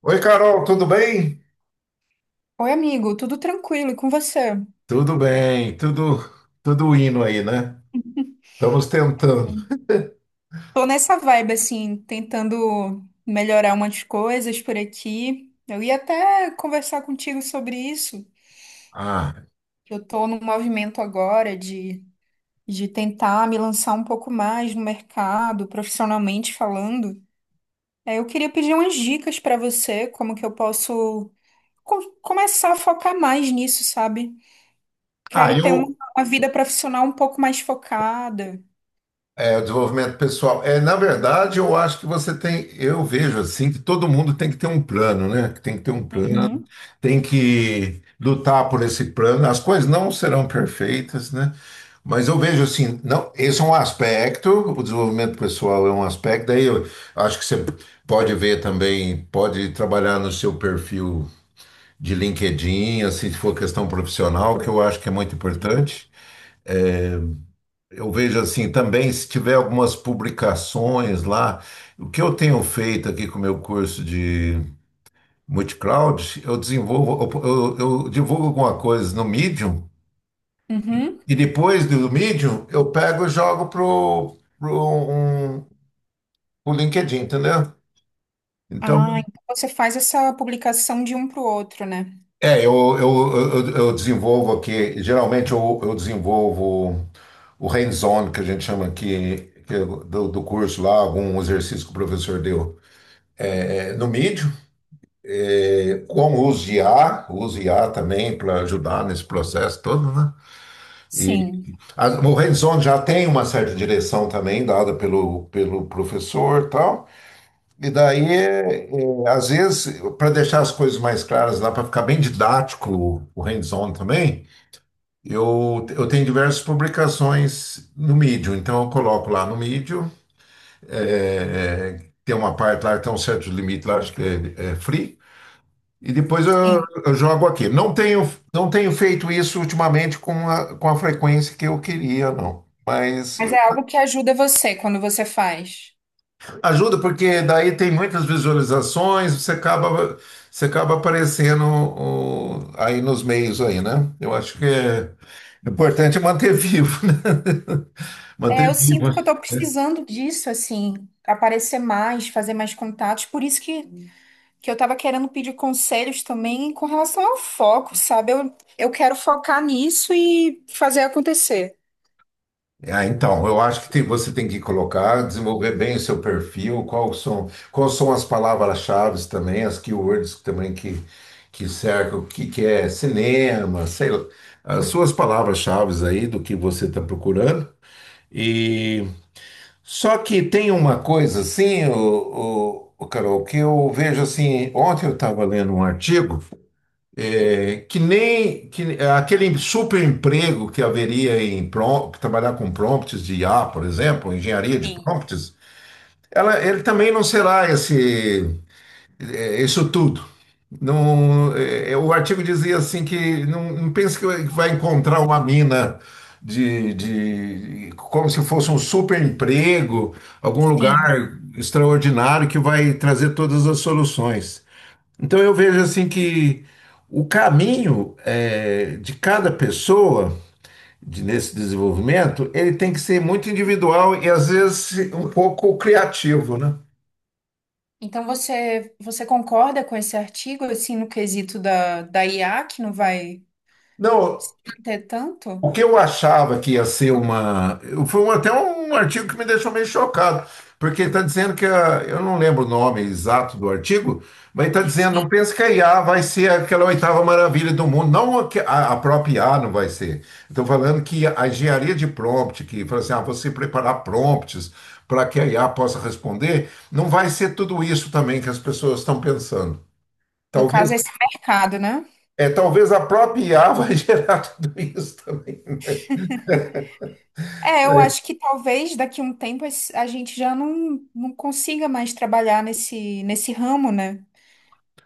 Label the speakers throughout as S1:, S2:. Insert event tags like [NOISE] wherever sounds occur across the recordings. S1: Oi, Carol, tudo bem?
S2: Oi, amigo, tudo tranquilo e com você?
S1: Tudo bem, tudo indo aí, né? Estamos tentando.
S2: Tô nessa vibe, assim, tentando melhorar umas coisas por aqui. Eu ia até conversar contigo sobre isso.
S1: Ah,
S2: Eu tô num movimento agora de tentar me lançar um pouco mais no mercado, profissionalmente falando. Eu queria pedir umas dicas pra você, como que eu posso começar a focar mais nisso, sabe?
S1: ah,
S2: Quero ter uma,
S1: eu
S2: uma vida profissional um pouco mais focada.
S1: é, desenvolvimento pessoal. É, na verdade, eu acho que você tem, eu vejo assim que todo mundo tem que ter um plano, né? Que Tem que ter um plano,
S2: Uhum.
S1: tem que lutar por esse plano. As coisas não serão perfeitas, né? Mas eu vejo assim, não, esse é um aspecto, o desenvolvimento pessoal é um aspecto, daí eu acho que você pode ver também, pode trabalhar no seu perfil de LinkedIn, assim, se for questão profissional, que eu acho que é muito importante. Eu vejo assim também, se tiver algumas publicações lá, o que eu tenho feito aqui com o meu curso de multicloud, eu desenvolvo, eu divulgo alguma coisa no Medium
S2: Uhum.
S1: e depois do Medium eu pego e jogo um, pro LinkedIn, entendeu? Então,
S2: Ah, então você faz essa publicação de um para o outro, né?
S1: eu desenvolvo aqui, geralmente eu desenvolvo o hands-on que a gente chama aqui que é do curso lá, algum exercício que o professor deu é, no mídio, com o uso de IA, o uso de I A também para ajudar nesse processo todo, né? E
S2: Sim,
S1: o hands-on já tem uma certa direção também dada pelo professor e tal, e daí, às vezes, para deixar as coisas mais claras lá, para ficar bem didático o hands-on também, eu tenho diversas publicações no Medium. Então, eu coloco lá no Medium tem uma parte lá, tem um certo limite lá, acho que é free. E depois eu,
S2: sim.
S1: eu jogo aqui. Não tenho, não tenho feito isso ultimamente com a frequência que eu queria, não. Mas
S2: Mas é algo que ajuda você quando você faz.
S1: ajuda porque daí tem muitas visualizações, você acaba aparecendo aí nos meios aí, né? Eu acho que é importante manter vivo, né? [LAUGHS]
S2: É,
S1: Manter
S2: eu
S1: vivo,
S2: sinto que eu tô
S1: né?
S2: precisando disso, assim, aparecer mais, fazer mais contatos. Por isso que eu tava querendo pedir conselhos também com relação ao foco, sabe? Eu quero focar nisso e fazer acontecer.
S1: Ah, então, eu acho que você tem que colocar, desenvolver bem o seu perfil, qual são, quais são as palavras-chave também, as keywords também que cercam, o que é cinema, sei lá, as suas palavras-chave aí do que você está procurando. E só que tem uma coisa assim, Carol, que eu vejo assim, ontem eu estava lendo um artigo. É, que nem aquele super emprego que haveria trabalhar com prompts de IA, por exemplo, engenharia de prompts, ela, ele também não será esse, isso tudo. Não, o artigo dizia assim que não, não pense que vai encontrar uma mina de como se fosse um super emprego, algum
S2: Sim.
S1: lugar extraordinário que vai trazer todas as soluções. Então eu vejo assim que o caminho de cada pessoa nesse desenvolvimento, ele tem que ser muito individual e às vezes um pouco criativo, né?
S2: Então você concorda com esse artigo, assim, no quesito da IA, que não vai se
S1: Não,
S2: manter tanto?
S1: o que eu achava que ia ser uma. Foi até um artigo que me deixou meio chocado, porque está dizendo que, eu não lembro o nome exato do artigo, mas está dizendo: não pense que a IA vai ser aquela oitava maravilha do mundo. Não a, que- a- A própria IA não vai ser. Estou falando que a engenharia de prompt, que fala assim, ah, você preparar prompts para que a IA possa responder, não vai ser tudo isso também que as pessoas estão pensando.
S2: No
S1: Talvez,
S2: caso, esse mercado, né?
S1: é, talvez a própria IA vai [LAUGHS] gerar tudo isso também.
S2: É, eu acho que talvez daqui a um tempo a gente já não consiga mais trabalhar nesse ramo, né?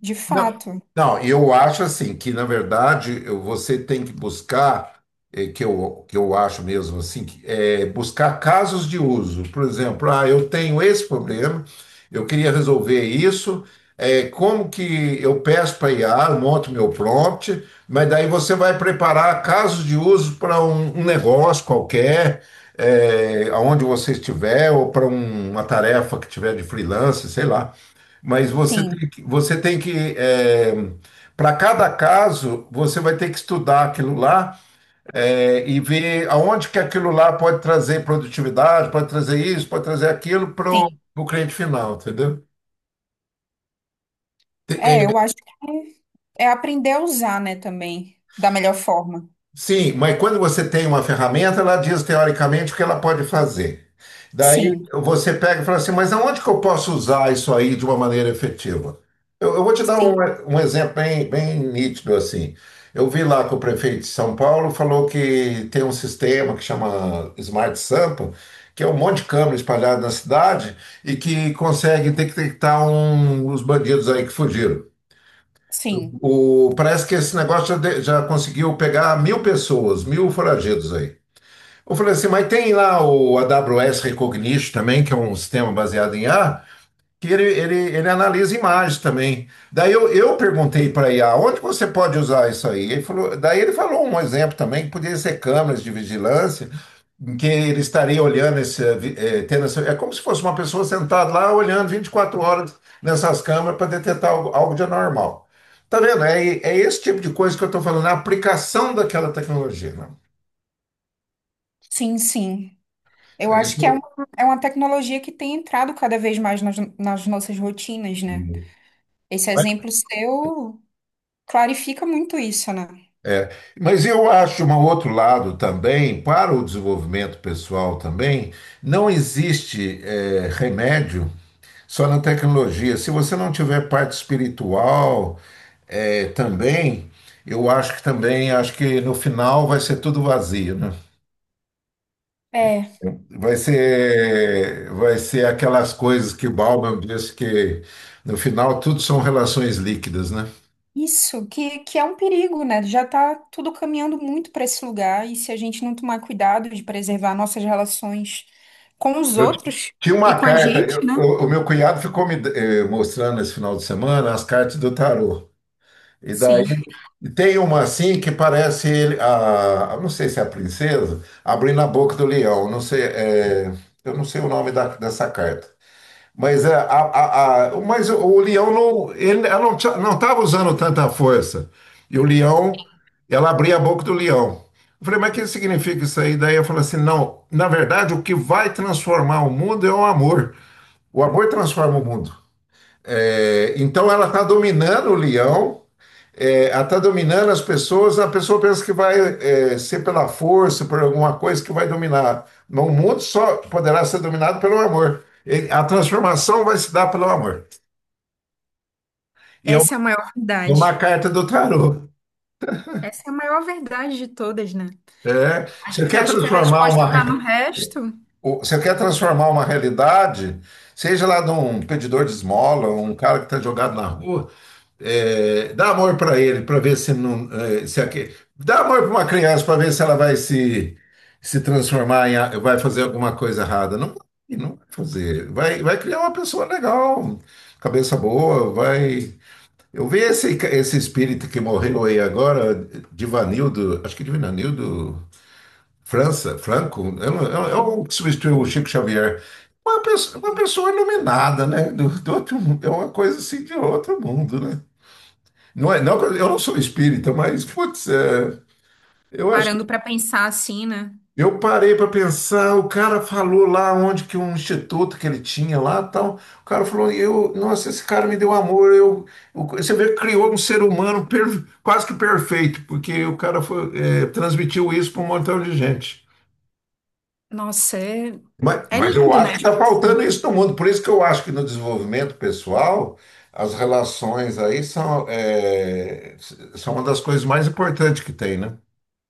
S2: De
S1: Não,
S2: fato.
S1: não, eu acho assim que, na verdade, você tem que buscar, que eu acho mesmo assim, que buscar casos de uso. Por exemplo, ah, eu tenho esse problema, eu queria resolver isso, como que eu peço para IA, eu monto meu prompt, mas daí você vai preparar casos de uso para um negócio qualquer, aonde você estiver, ou para uma tarefa que tiver de freelance, sei lá. Mas você
S2: Sim,
S1: tem que, você tem que para cada caso, você vai ter que estudar aquilo lá e ver aonde que aquilo lá pode trazer produtividade, pode trazer isso, pode trazer aquilo para
S2: sim.
S1: o cliente final, entendeu?
S2: É, eu acho que é aprender a usar, né, também, da melhor forma.
S1: Sim, mas quando você tem uma ferramenta, ela diz teoricamente o que ela pode fazer. Daí
S2: Sim,
S1: você pega e fala assim, mas aonde que eu posso usar isso aí de uma maneira efetiva? Eu vou te dar
S2: sim,
S1: um exemplo bem, bem nítido assim. Eu vi lá que o prefeito de São Paulo falou que tem um sistema que chama Smart Sampa, que é um monte de câmera espalhada na cidade e que consegue detectar os bandidos aí que fugiram.
S2: sim,
S1: O, parece que esse negócio já, já conseguiu pegar 1.000 pessoas, 1.000 foragidos aí. Eu falei assim, mas tem lá o AWS Recognition também, que é um sistema baseado em IA, que ele analisa imagens também. Daí eu perguntei para IA, onde você pode usar isso aí? Ele falou, daí ele falou um exemplo também, que podia ser câmeras de vigilância, em que ele estaria olhando esse, tendo é como se fosse uma pessoa sentada lá olhando 24 horas nessas câmeras para detectar algo, algo de anormal. Tá vendo? É esse tipo de coisa que eu estou falando, é a aplicação daquela tecnologia, né?
S2: sim, sim. Eu
S1: É
S2: acho que
S1: isso.
S2: é uma tecnologia que tem entrado cada vez mais nas nossas rotinas, né? Esse exemplo seu clarifica muito isso, né?
S1: Mas eu acho um outro lado também, para o desenvolvimento pessoal também, não existe remédio só na tecnologia. Se você não tiver parte espiritual, também, eu acho que também, acho que no final vai ser tudo vazio, né?
S2: É.
S1: Vai ser aquelas coisas que o Bauman disse que no final tudo são relações líquidas, né?
S2: Isso, que é um perigo, né? Já tá tudo caminhando muito para esse lugar, e se a gente não tomar cuidado de preservar nossas relações com os
S1: Eu ti-
S2: outros
S1: Tinha
S2: e
S1: uma
S2: com a
S1: carta,
S2: gente, né?
S1: o meu cunhado ficou me mostrando esse final de semana as cartas do tarô. E daí
S2: Sim,
S1: tem uma assim que parece ele, não sei se é a princesa, abrindo a boca do leão, não sei, eu não sei o nome dessa carta. Mas, mas o Leão não, ele, ela não estava usando tanta força. E o Leão, ela abria a boca do Leão. Eu falei, mas o que significa isso aí? Daí eu falei assim, não, na verdade o que vai transformar o mundo é o amor. O amor transforma o mundo. É, então ela está dominando o Leão, ela está dominando as pessoas, a pessoa pensa que vai ser pela força, por alguma coisa que vai dominar. No mundo só poderá ser dominado pelo amor. A transformação vai se dar pelo amor. E é uma,
S2: essa é a maior verdade.
S1: uma carta do tarô.
S2: Essa é a maior verdade de todas, né?
S1: É.
S2: A
S1: Você
S2: gente
S1: quer
S2: acha que a
S1: transformar uma
S2: resposta tá no resto,
S1: Você quer transformar uma realidade, seja lá de um pedidor de esmola, um cara que está jogado na rua, dá amor para ele, para ver se não. é, se aque- Dá amor para uma criança para ver se ela vai se transformar em. A- Vai fazer alguma coisa errada. Não, vai, não vai fazer. Vai, vai criar uma pessoa legal, cabeça boa, vai. Eu vi esse espírito que morreu aí agora, Divanildo, acho que Divanildo. França, Franco, eu o é o que substituiu o Chico Xavier. Uma pessoa iluminada, né? Do outro mundo. É uma coisa assim de outro mundo, né? Não é, não, que eu não sou espírita, mas, putz, eu acho.
S2: parando para pensar assim, né?
S1: Eu parei para pensar, o cara falou lá onde que um instituto que ele tinha lá tal. O cara falou, nossa, esse cara me deu amor. Você vê que criou um ser humano quase que perfeito, porque o cara transmitiu isso para um montão de gente.
S2: Nossa, é,
S1: Mas,
S2: é
S1: mas eu
S2: lindo, né?
S1: acho que está faltando isso no mundo. Por isso que eu acho que no desenvolvimento pessoal, as relações aí são uma das coisas mais importantes que tem, né?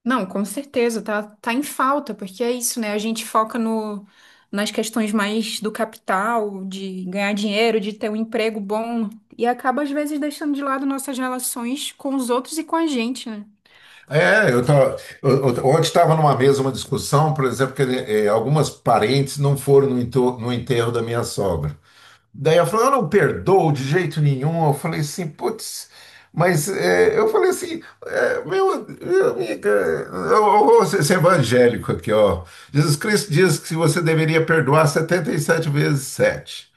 S2: Não, com certeza, tá, tá em falta, porque é isso, né? A gente foca no, nas questões mais do capital, de ganhar dinheiro, de ter um emprego bom, e acaba, às vezes, deixando de lado nossas relações com os outros e com a gente, né?
S1: É, eu tava, eu- ontem estava numa mesa, uma discussão, por exemplo, que algumas parentes não foram no enterro da minha sogra. Daí ela falou, eu não perdoo de jeito nenhum. Eu falei assim, putz, mas é, meu amiga, eu vou ser evangélico aqui, ó. Jesus Cristo diz que você deveria perdoar 77 vezes 7,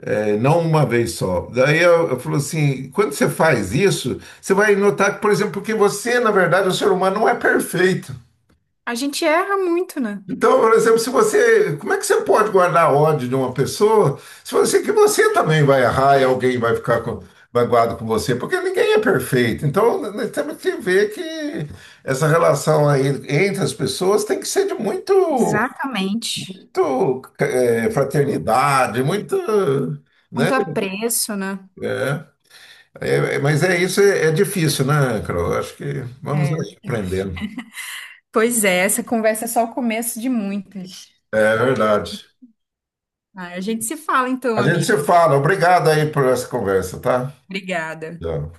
S1: não uma vez só. Daí eu falou assim, quando você faz isso, você vai notar que, por exemplo, que você, na verdade, o ser humano não é perfeito.
S2: A gente erra muito, né?
S1: Então, por exemplo, se você, como é que você pode guardar ódio de uma pessoa se você que você também vai errar e alguém vai ficar com, magoado com você? Porque ninguém é perfeito. Então, nós temos que ver que essa relação aí entre as pessoas tem que ser de muito,
S2: Exatamente.
S1: muito fraternidade, muito, né?
S2: Muito apreço, né?
S1: É, é, mas é isso, é difícil, né, Carol? Acho que vamos
S2: É.
S1: aí aprendendo.
S2: Pois é, essa conversa é só o começo de muitas.
S1: É verdade.
S2: Ah, a gente se fala então,
S1: A gente se
S2: amigo.
S1: fala. Obrigado aí por essa conversa, tá?
S2: Obrigada.
S1: Tchau.